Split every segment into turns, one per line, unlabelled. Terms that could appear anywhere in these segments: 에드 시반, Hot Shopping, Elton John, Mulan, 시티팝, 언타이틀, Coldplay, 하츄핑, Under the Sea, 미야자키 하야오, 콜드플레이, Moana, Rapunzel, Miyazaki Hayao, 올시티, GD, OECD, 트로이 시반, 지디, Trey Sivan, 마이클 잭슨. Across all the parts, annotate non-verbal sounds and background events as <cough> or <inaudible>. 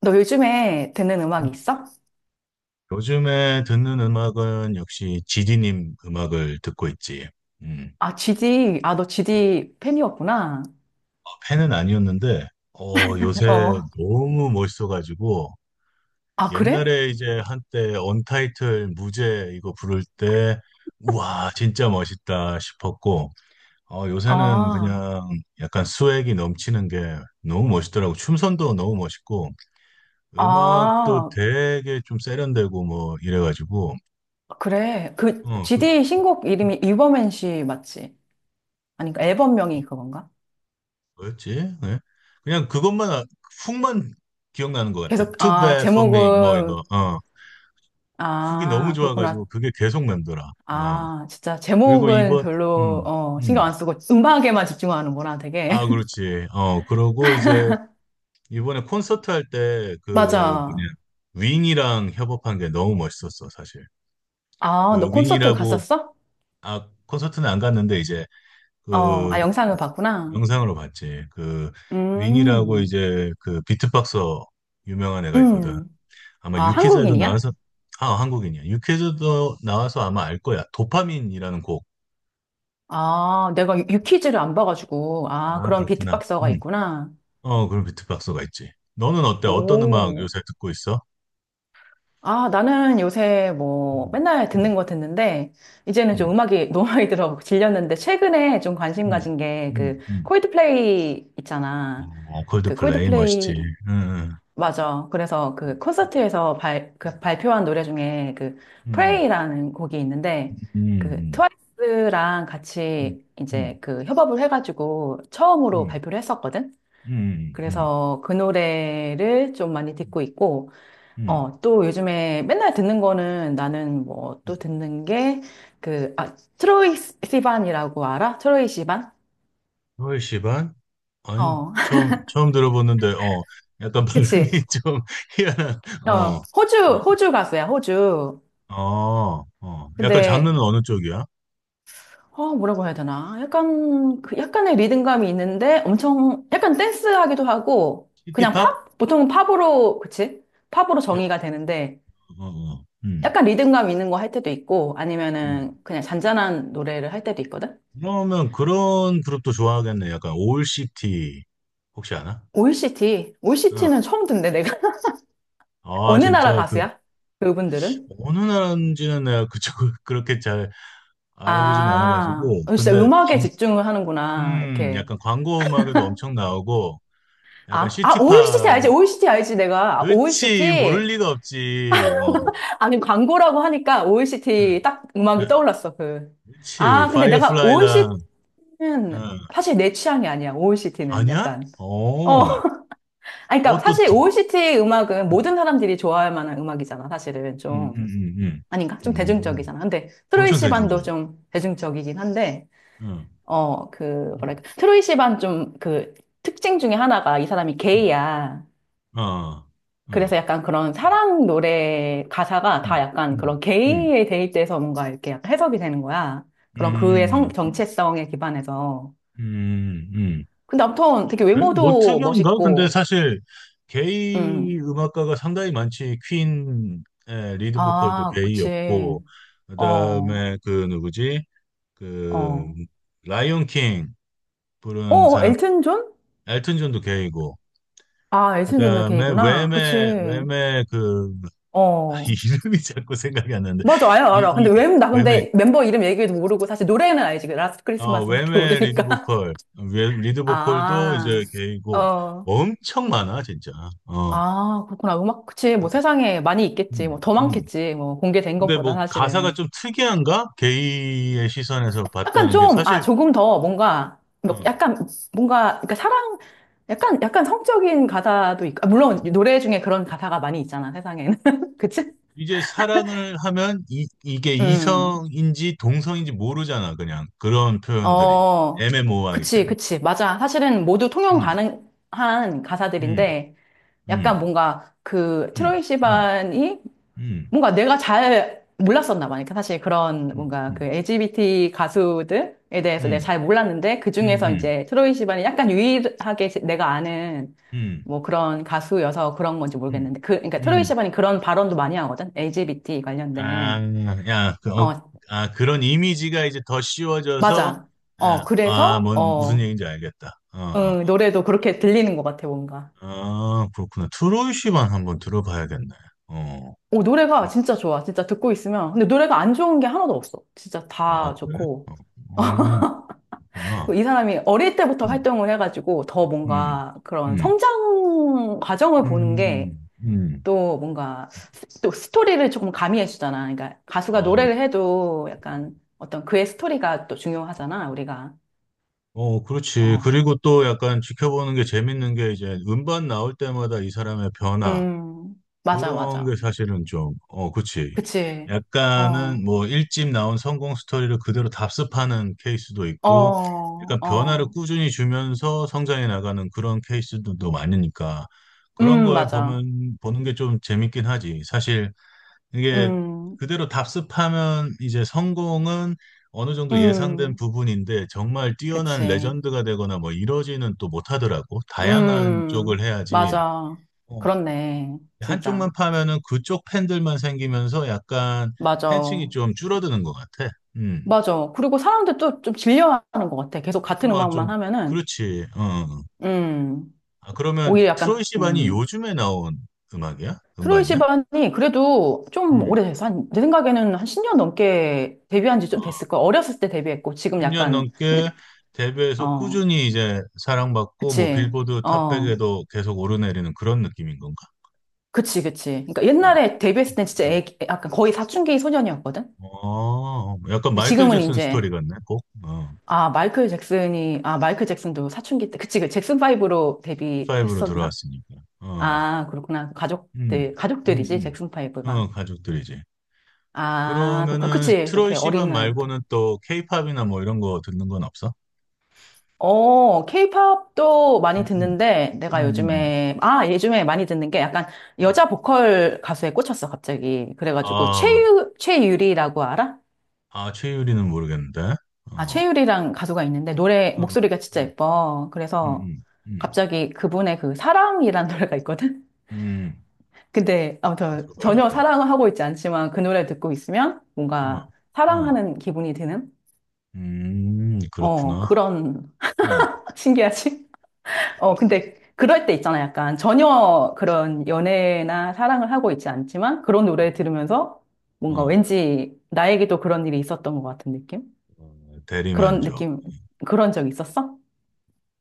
너 요즘에 듣는 음악
음.
있어?
요즘에 듣는 음악은 역시 지디님 음악을 듣고 있지. 음.
아, GD. 아, 너 GD 팬이었구나.
어, 팬은 아니었는데, 어, 요새
어.
너무 멋있어가지고,
아, 그래?
옛날에 이제 한때 언타이틀 무제 이거 부를 때, 우와, 진짜 멋있다 싶었고, 어, 요새는
아,
그냥 약간 스웩이 넘치는 게 너무 멋있더라고. 춤선도 너무 멋있고, 음악도
아,
되게 좀 세련되고 뭐 이래가지고,
그래. 그,
어, 그,
GD 신곡 이름이 이버맨 씨 맞지? 아니, 그 앨범명이 그건가?
뭐였지? 네. 그냥 그것만 훅만 기억나는 것 같아.
계속,
Too
아,
bad for me 뭐 이거
제목은,
어, 훅이 너무
아,
좋아가지고
그렇구나.
그게 계속 남더라. 어,
아, 진짜,
그리고
제목은
이번
별로, 어, 신경
음음아
안 쓰고 음악에만 집중하는구나, 되게. <laughs>
그렇지. 어, 그러고 이제 이번에 콘서트 할 때 그 뭐냐,
맞아.
윙이랑 협업한 게 너무 멋있었어 사실.
아,
그
너 콘서트
윙이라고.
갔었어?
아, 콘서트는 안 갔는데 이제
어,
그뭐
아, 영상을 봤구나.
영상으로 봤지. 그 윙이라고
음,
이제 그 비트박서 유명한 애가 있거든.
음.
아마
아,
유퀴즈에도
한국인이야?
나와서. 아, 한국인이야. 유퀴즈도 나와서 아마 알 거야. 도파민이라는 곡.
아, 내가 유퀴즈를 안 봐가지고. 아,
아,
그런
그렇구나.
비트박서가
음.
있구나.
어, 그럼 비트박스가 있지. 너는 어때? 어떤 음악
오.
요새 듣고 있어?
아, 나는 요새 뭐
음.
맨날
음.
듣는 거 듣는데, 이제는 좀
음.
음악이 <laughs> 너무 많이 들어 질렸는데, 최근에 좀 관심
음.
가진 게 그,
음. 음.
콜드플레이 있잖아.
어,
그
콜드플레이 멋있지.
콜드플레이,
응. 응.
맞아. 그래서 그 콘서트에서 그 발표한 노래 중에 그
음. 음.
Pray라는 곡이 있는데
음.
그
음.
트와이스랑
음.
같이
음.
이제 그 협업을 해가지고 처음으로
음.
발표를 했었거든.
음. 음. 음.
그래서 그 노래를 좀 많이 듣고 있고,
음.
어, 또 요즘에 맨날 듣는 거는 나는 뭐
음.
또 듣는 게 그, 아, 트로이 시반이라고 알아? 트로이 시반?
10시 반? 아니,
어, <laughs>
처음 들어보는데, 어, 약간 발음이
그치.
<laughs> 좀 희한한,
어,
어, 어,
호주, 호주 가수야, 호주.
어, 어. 약간
근데
장르는 어느 쪽이야?
어, 뭐라고 해야 되나? 약간, 그 약간의 리듬감이 있는데 엄청, 약간 댄스하기도 하고, 그냥
시티팝?
팝? 보통은 팝으로, 그치? 팝으로
약-
정의가 되는데,
어, 어,
약간 리듬감 있는 거 할 때도 있고,
음.
아니면은 그냥 잔잔한 노래를 할 때도 있거든?
그러면 그런 그룹도 좋아하겠네. 약간 올시티, 혹시 아나?
OECD.
어.
OECT는 처음 듣는데, 내가. <laughs>
아,
어느 나라
진짜, 그,
가수야? 그분들은?
어느 나라인지는 내가 그쪽을 <laughs> 그렇게 잘 알아보진
아,
않아가지고,
어, 진짜
근데,
음악에
진,
집중을 하는구나. 이렇게.
약간 광고 음악에도 엄청 나오고, 약간
아, 아, OECD
시티팝이.
알지? OECD 알지? 내가. 아,
그치, 모를
OECD?
리가 없지. 어,
아니, 광고라고 하니까
응,
OECD 딱 음악이
응.
떠올랐어, 그.
그치,
아, 근데 내가
파이어플라이랑,
OECT는
응.
사실 내 취향이 아니야, OECT는.
아니야?
약간. 어.
어,
아니, 그러니까
어, 또,
사실 OECD 음악은
음,
모든 사람들이 좋아할 만한 음악이잖아, 사실은
음,
좀.
음,
아닌가?
음,
좀
음.
대중적이잖아. 근데 트로이
엄청
시반도
대중적인.
좀 대중적이긴 한데,
응,
어, 그,
응,
뭐랄까. 트로이 시반 좀 그 특징 중에 하나가 이 사람이
응,
게이야.
어,
그래서
응,
약간 그런 사랑 노래 가사가 다
응,
약간
응,
그런
응,
게이에 대입돼서 뭔가 이렇게 약간 해석이 되는 거야. 그런 그의 성,
음,
정체성에 기반해서.
음, 음.
근데 아무튼 되게
그래? 뭐
외모도
특이한가? 근데
멋있고,
사실, 게이
음.
음악가가 상당히 많지. 퀸의 리드 보컬도
아, 그치.
게이였고,
어,
그다음에 그 누구지? 그
어.
라이온 킹 부른
어,
사람.
엘튼 존?
엘튼 존도 걔이고,
아, 엘튼 존도
그다음에
게이구나. 그치.
웸의. 웸의
어.
<laughs> 이름이 자꾸 생각이 안 나는데
맞아, 알아,
이
알아. 근데
이
왜, 나
웸의.
근데 멤버 이름 얘기도 모르고 사실 노래는 알지. 라스트
어,
크리스마스밖에
웸의 리드
모르니까.
보컬. 리드
<laughs>
보컬도
아,
이제 걔이고.
어.
엄청 많아 진짜. 어,
아, 그렇구나. 음악, 그치.
음,
뭐 세상에 많이 있겠지. 뭐
음,
더
음.
많겠지. 뭐 공개된
근데
것보다
뭐 가사가
사실은.
좀 특이한가? 게이의 시선에서
약간
봤다는 게
좀, 아,
사실.
조금 더 뭔가, 뭐
어.
약간 뭔가, 그러니까 사랑, 약간, 약간 성적인 가사도 있고, 아, 물론 노래 중에 그런 가사가 많이 있잖아, 세상에는. <laughs> 그치?
이제 사랑을 하면 이, 이게
음,
이성인지 동성인지 모르잖아, 그냥. 그런 표현들이
어,
애매모호하기
그치,
때문에.
그치. 맞아. 사실은 모두 통용
음,
가능한
음,
가사들인데, 약간
음,
뭔가 그
음,
트로이
음,
시반이
음,
뭔가 내가 잘 몰랐었나 봐. 그러니까 사실 그런
음,
뭔가 그
음,
LGBT 가수들에 대해서 내가
음,
잘 몰랐는데 그
음,
중에서
음,
이제 트로이 시반이 약간 유일하게 내가 아는
음,
뭐 그런 가수여서 그런 건지
음.
모르겠는데 그 그러니까 트로이
음.
시반이 그런 발언도 많이 하거든. LGBT
아,
관련된.
야, 그, 어,
어,
아, 그런 이미지가 이제 더 씌워져서,
맞아. 어,
아, 아,
그래서
뭔, 무슨
어,
얘기인지 알겠다. 어, 어.
응, 노래도 그렇게 들리는 것 같아, 뭔가.
아, 그렇구나. 트로이 씨만 한번 들어봐야겠네. 어,
오, 노래가 진짜 좋아. 진짜 듣고 있으면. 근데 노래가 안 좋은 게 하나도 없어. 진짜
아,
다
그래?
좋고.
어, 음. 그렇구나.
이 사람이 어릴 때부터
음,
활동을 해가지고 더
음,
뭔가 그런
음,
성장 과정을 보는 게
음, 음.
또 뭔가 또 스토리를 조금 가미해 주잖아. 그러니까 가수가
어,
노래를 해도 약간 어떤 그의 스토리가 또 중요하잖아, 우리가.
어, 그렇지.
어.
그리고 또 약간 지켜보는 게 재밌는 게 이제 음반 나올 때마다 이 사람의 변화.
맞아,
그런 게
맞아.
사실은 좀, 어, 그렇지.
그치. 어,
약간은 뭐 일집 나온 성공 스토리를 그대로 답습하는 케이스도
어,
있고, 약간 변화를
어.
꾸준히 주면서 성장해 나가는 그런 케이스들도 많으니까. 그런 걸
맞아.
보면, 보는 게 좀 재밌긴 하지. 사실 이게
음,
그대로 답습하면 이제 성공은 어느 정도 예상된
음.
부분인데 정말 뛰어난
그치.
레전드가 되거나 뭐 이러지는 또 못하더라고. 다양한
음,
쪽을 해야지.
맞아.
어,
그렇네.
한쪽만
진짜.
파면은 그쪽 팬들만 생기면서 약간
맞아.
팬층이 좀 줄어드는 것 같아. 음.
맞아. 그리고 사람들 또 좀 질려하는 것 같아. 계속 같은
어,
음악만
좀,
하면은,
그렇지. 어.
음,
아, 그러면
오히려
트로이
약간,
시반이 요즘에 나온 음악이야?
트로이
음반이야?
시반이 그래도 좀
음.
오래돼서 한, 내 생각에는 한 10년 넘게 데뷔한 지 좀 됐을 거야. 어렸을 때 데뷔했고, 지금
10년
약간,
넘게
이제,
데뷔해서
어,
꾸준히 이제 사랑받고 뭐
그치,
빌보드
어,
탑백에도 계속 오르내리는 그런 느낌인 건가?
그치, 그치. 그러니까
어,
옛날에 데뷔했을 땐 진짜 애기, 약간 거의 사춘기 소년이었거든?
어, 약간
근데
마이클
지금은
잭슨 스토리
이제,
같네, 꼭. 어,
아, 마이클 잭슨이, 아, 마이클 잭슨도 사춘기 때, 그치, 그 잭슨 5로
브로
데뷔했었나?
들어왔으니까. 어,
아, 그렇구나.
음,
가족들,
음,
가족들이지, 잭슨 파이브가.
어, 가족들이지.
아, 그렇구나.
그러면은
그치. 그렇게
트로이
어린
시반
나이부터.
말고는 또 케이팝이나 뭐 이런 거 듣는 건 없어?
어, 케이팝도 많이
음, 음,
듣는데,
음,
내가
음,
요즘에, 아, 요즘에 많이 듣는 게 약간
음.
여자 보컬 가수에 꽂혔어, 갑자기. 그래가지고,
아,
최유리라고 알아?
아, 최유리는 모르겠는데.
아,
어,
최유리랑 가수가 있는데, 노래,
어, 어.
목소리가 진짜
음,
예뻐. 그래서,
음, 음,
갑자기 그분의 그 사랑이란 <laughs> 노래가 있거든?
음.
근데, 아무튼, 전혀
들어봐야겠다.
사랑을 하고 있지 않지만, 그 노래 듣고 있으면,
어,
뭔가,
어.
사랑하는 기분이 드는? 어,
그렇구나.
그런,
음,
<laughs> 신기하지? 어, 근데 그럴 때 있잖아. 약간 전혀 그런 연애나 사랑을 하고 있지 않지만 그런 노래 들으면서 뭔가
어,
왠지 나에게도 그런 일이 있었던 것 같은 느낌?
어,
그런
대리만족.
느낌, 그런 적 있었어?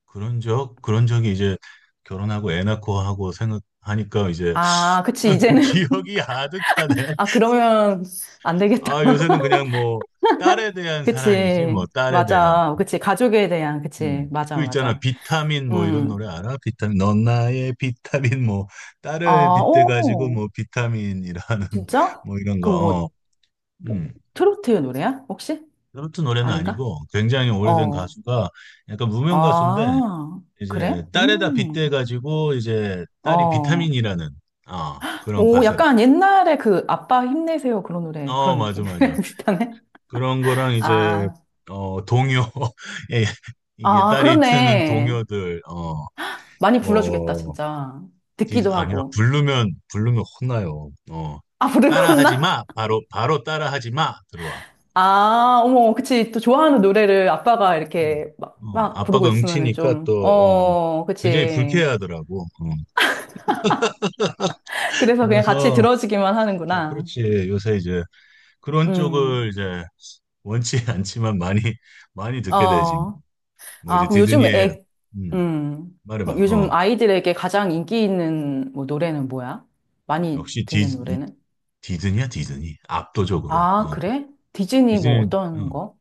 그런 적이 이제 결혼하고 애 낳고 하고 생각하니까 이제
아, 그치.
<laughs>
이제는,
기억이 아득하네.
<laughs> 아, 그러면 안 되겠다.
아, 요새는 그냥 뭐 딸에
<laughs>
대한 사랑이지, 뭐
그치.
딸에 대한.
맞아. 그치. 가족에 대한, 그치. 맞아,
그 있잖아.
맞아.
비타민 뭐 이런
음.
노래 알아? 비타민, 넌 나의 비타민 뭐 딸을
아,
빗대가지고
오.
뭐 비타민이라는 <laughs>
진짜?
뭐 이런 거.
그 뭐,
어.
뭐
음.
트로트의 노래야? 혹시?
트로트 노래는
아닌가?
아니고 굉장히 오래된
어.
가수가 약간 무명 가수인데
아, 그래?
이제 딸에다 빗대가지고 이제 딸이
어.
비타민이라는, 어, 그런
오,
가사를.
약간 옛날에 그 아빠 힘내세요 그런 노래,
어,
그런
맞아,
느낌이랑
맞아.
<laughs> 비슷하네.
그런 거랑 이제
아,
어, 동요. <laughs> 예, 이게
아,
딸이 트는
그렇네.
동요들.
많이 불러주겠다,
어뭐
진짜. 듣기도
아니야,
하고.
부르면 부르면 혼나요. 어,
아,
따라하지
부르나?
마, 바로 바로 따라하지 마, 들어와.
아, 어머, 그치. 또 좋아하는 노래를 아빠가
음,
이렇게 막,
어,
막 부르고
아빠가
있으면은
응치니까 또,
좀,
어,
어,
굉장히
그치.
불쾌하더라고.
그래서 그냥 같이
그래서
들어주기만
어,
하는구나.
그렇지. 요새 이제 그런
음,
쪽을 이제 원치 <laughs> 않지만 많이 많이 듣게 되지.
어.
뭐
아,
이제
그럼 요즘
디즈니의.
애,
음, 말해봐.
그럼
어,
요즘 아이들에게 가장 인기 있는 뭐 노래는 뭐야? 많이
역시
듣는 노래는?
디즈니야, 디즈니 압도적으로.
아,
어,
그래? 디즈니 뭐
디즈니.
어떤
음.
거?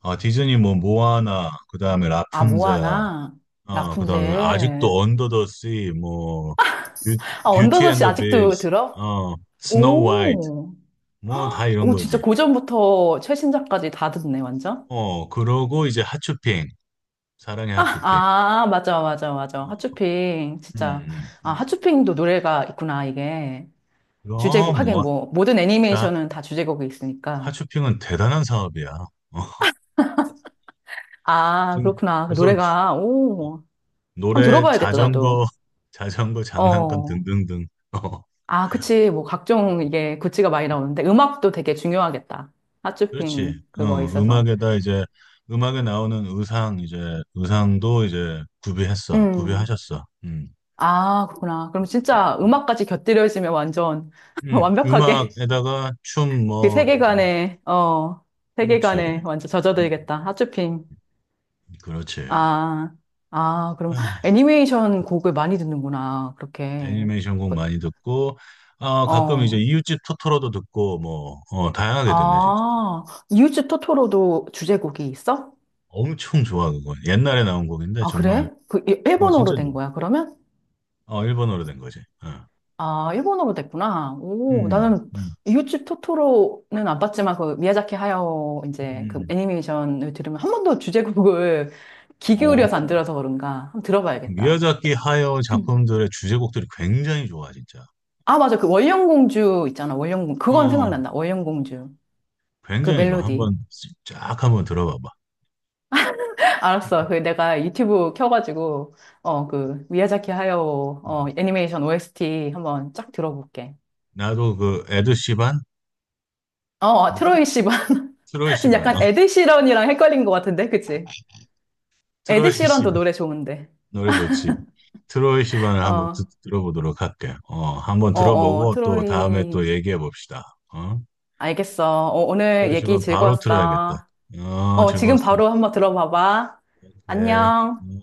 아, 디즈니 뭐 모아나, 그다음에
아,
라푼젤.
모아나,
어, 그다음에 아직도
라푼젤.
언더 더 씨, 뭐 뷰,
아,
뷰티 앤
언더더시
더
아직도
비스트.
들어?
어, 스노우 화이트
오,
뭐 다 이런
오,
거지.
진짜 고전부터 최신작까지 다 듣네, 완전?
어, 그러고 이제 하츄핑, 사랑의 하츄핑.
아, 맞아, 맞아, 맞아. 핫쇼핑, 진짜.
음,
아,
음.
핫쇼핑도 노래가 있구나, 이게.
이
주제곡, 하긴
뭐
뭐, 모든
진짜
애니메이션은 다 주제곡이 있으니까.
하츄핑은 대단한 사업이야. 어,
아,
지금
그렇구나. 그
벌써
노래가, 오, 한번
노래,
들어봐야겠다,
자전거,
나도.
<laughs> 자전거 장난감
어.
등등등. 어,
아, 그치. 뭐, 각종 이게 굿즈가 많이 나오는데, 음악도 되게 중요하겠다.
그렇지.
핫쇼핑,
어,
그거 있어서.
음악에다 이제 음악에 나오는 의상, 이제 의상도 이제 구비했어.
음.
구비하셨어. 음.
아, 그렇구나. 그럼
그래.
진짜 음악까지 곁들여지면 완전 <laughs> 완벽하게
음악에다가 춤
그
뭐, 어,
세계관에, 어,
그렇지.
세계관에 완전
음,
젖어들겠다. 핫쇼핑.
그렇지.
아, 아, 그럼
아,
애니메이션 곡을 많이 듣는구나. 그렇게.
애니메이션 곡 많이 듣고, 아, 가끔 이제
어.
이웃집 토토로도 듣고, 뭐, 어, 다양하게 듣네, 진짜.
아, 이웃집 토토로도 주제곡이 있어?
엄청 좋아, 그건. 옛날에 나온 곡인데,
아,
정말,
그래? 그
어,
일본어로
진짜
된
좋아.
거야, 그러면?
어, 일본어로 된 거지. 어.
아, 일본어로 됐구나. 오,
음,
나는
음,
이웃집 토토로는 안 봤지만 그 미야자키 하야오 이제 그
음.
애니메이션을 들으면 한 번도 주제곡을 <laughs> 귀 기울여서 안
어,
들어서 그런가. 한번
그
들어봐야겠다.
미야자키 하야오
<clears throat>
작품들의 주제곡들이 굉장히 좋아, 진짜.
아, 맞아. 그 월령공주 있잖아. 월령공 그건
어,
생각난다. 월령공주. 그
굉장히 좋아.
멜로디.
한번 쫙 한번 들어봐봐.
알았어. 그 내가 유튜브 켜가지고 어 그 미야자키 하야오 어
음.
애니메이션 OST 한번 쫙 들어볼게.
나도 그 에드 시반,
어, 어, 트로이 씨 봐.
트로이
<laughs> 지금
시반, 어,
약간 에드 시런이랑 헷갈린 것 같은데, 그치?
<laughs>
에드
트로이
시런도
시반
노래 좋은데.
노래 좋지. 트로이 시반을 한번
어,
들어보도록 할게. 어, 한번
어, 어,
들어보고 또 다음에
트로이.
또 얘기해 봅시다. 어?
알겠어. 어, 오늘
트로이
얘기
시반 바로 틀어야겠다.
즐거웠어.
어,
어, 지금
즐거웠어.
바로 한번 들어봐봐.
오케이.
안녕.
음.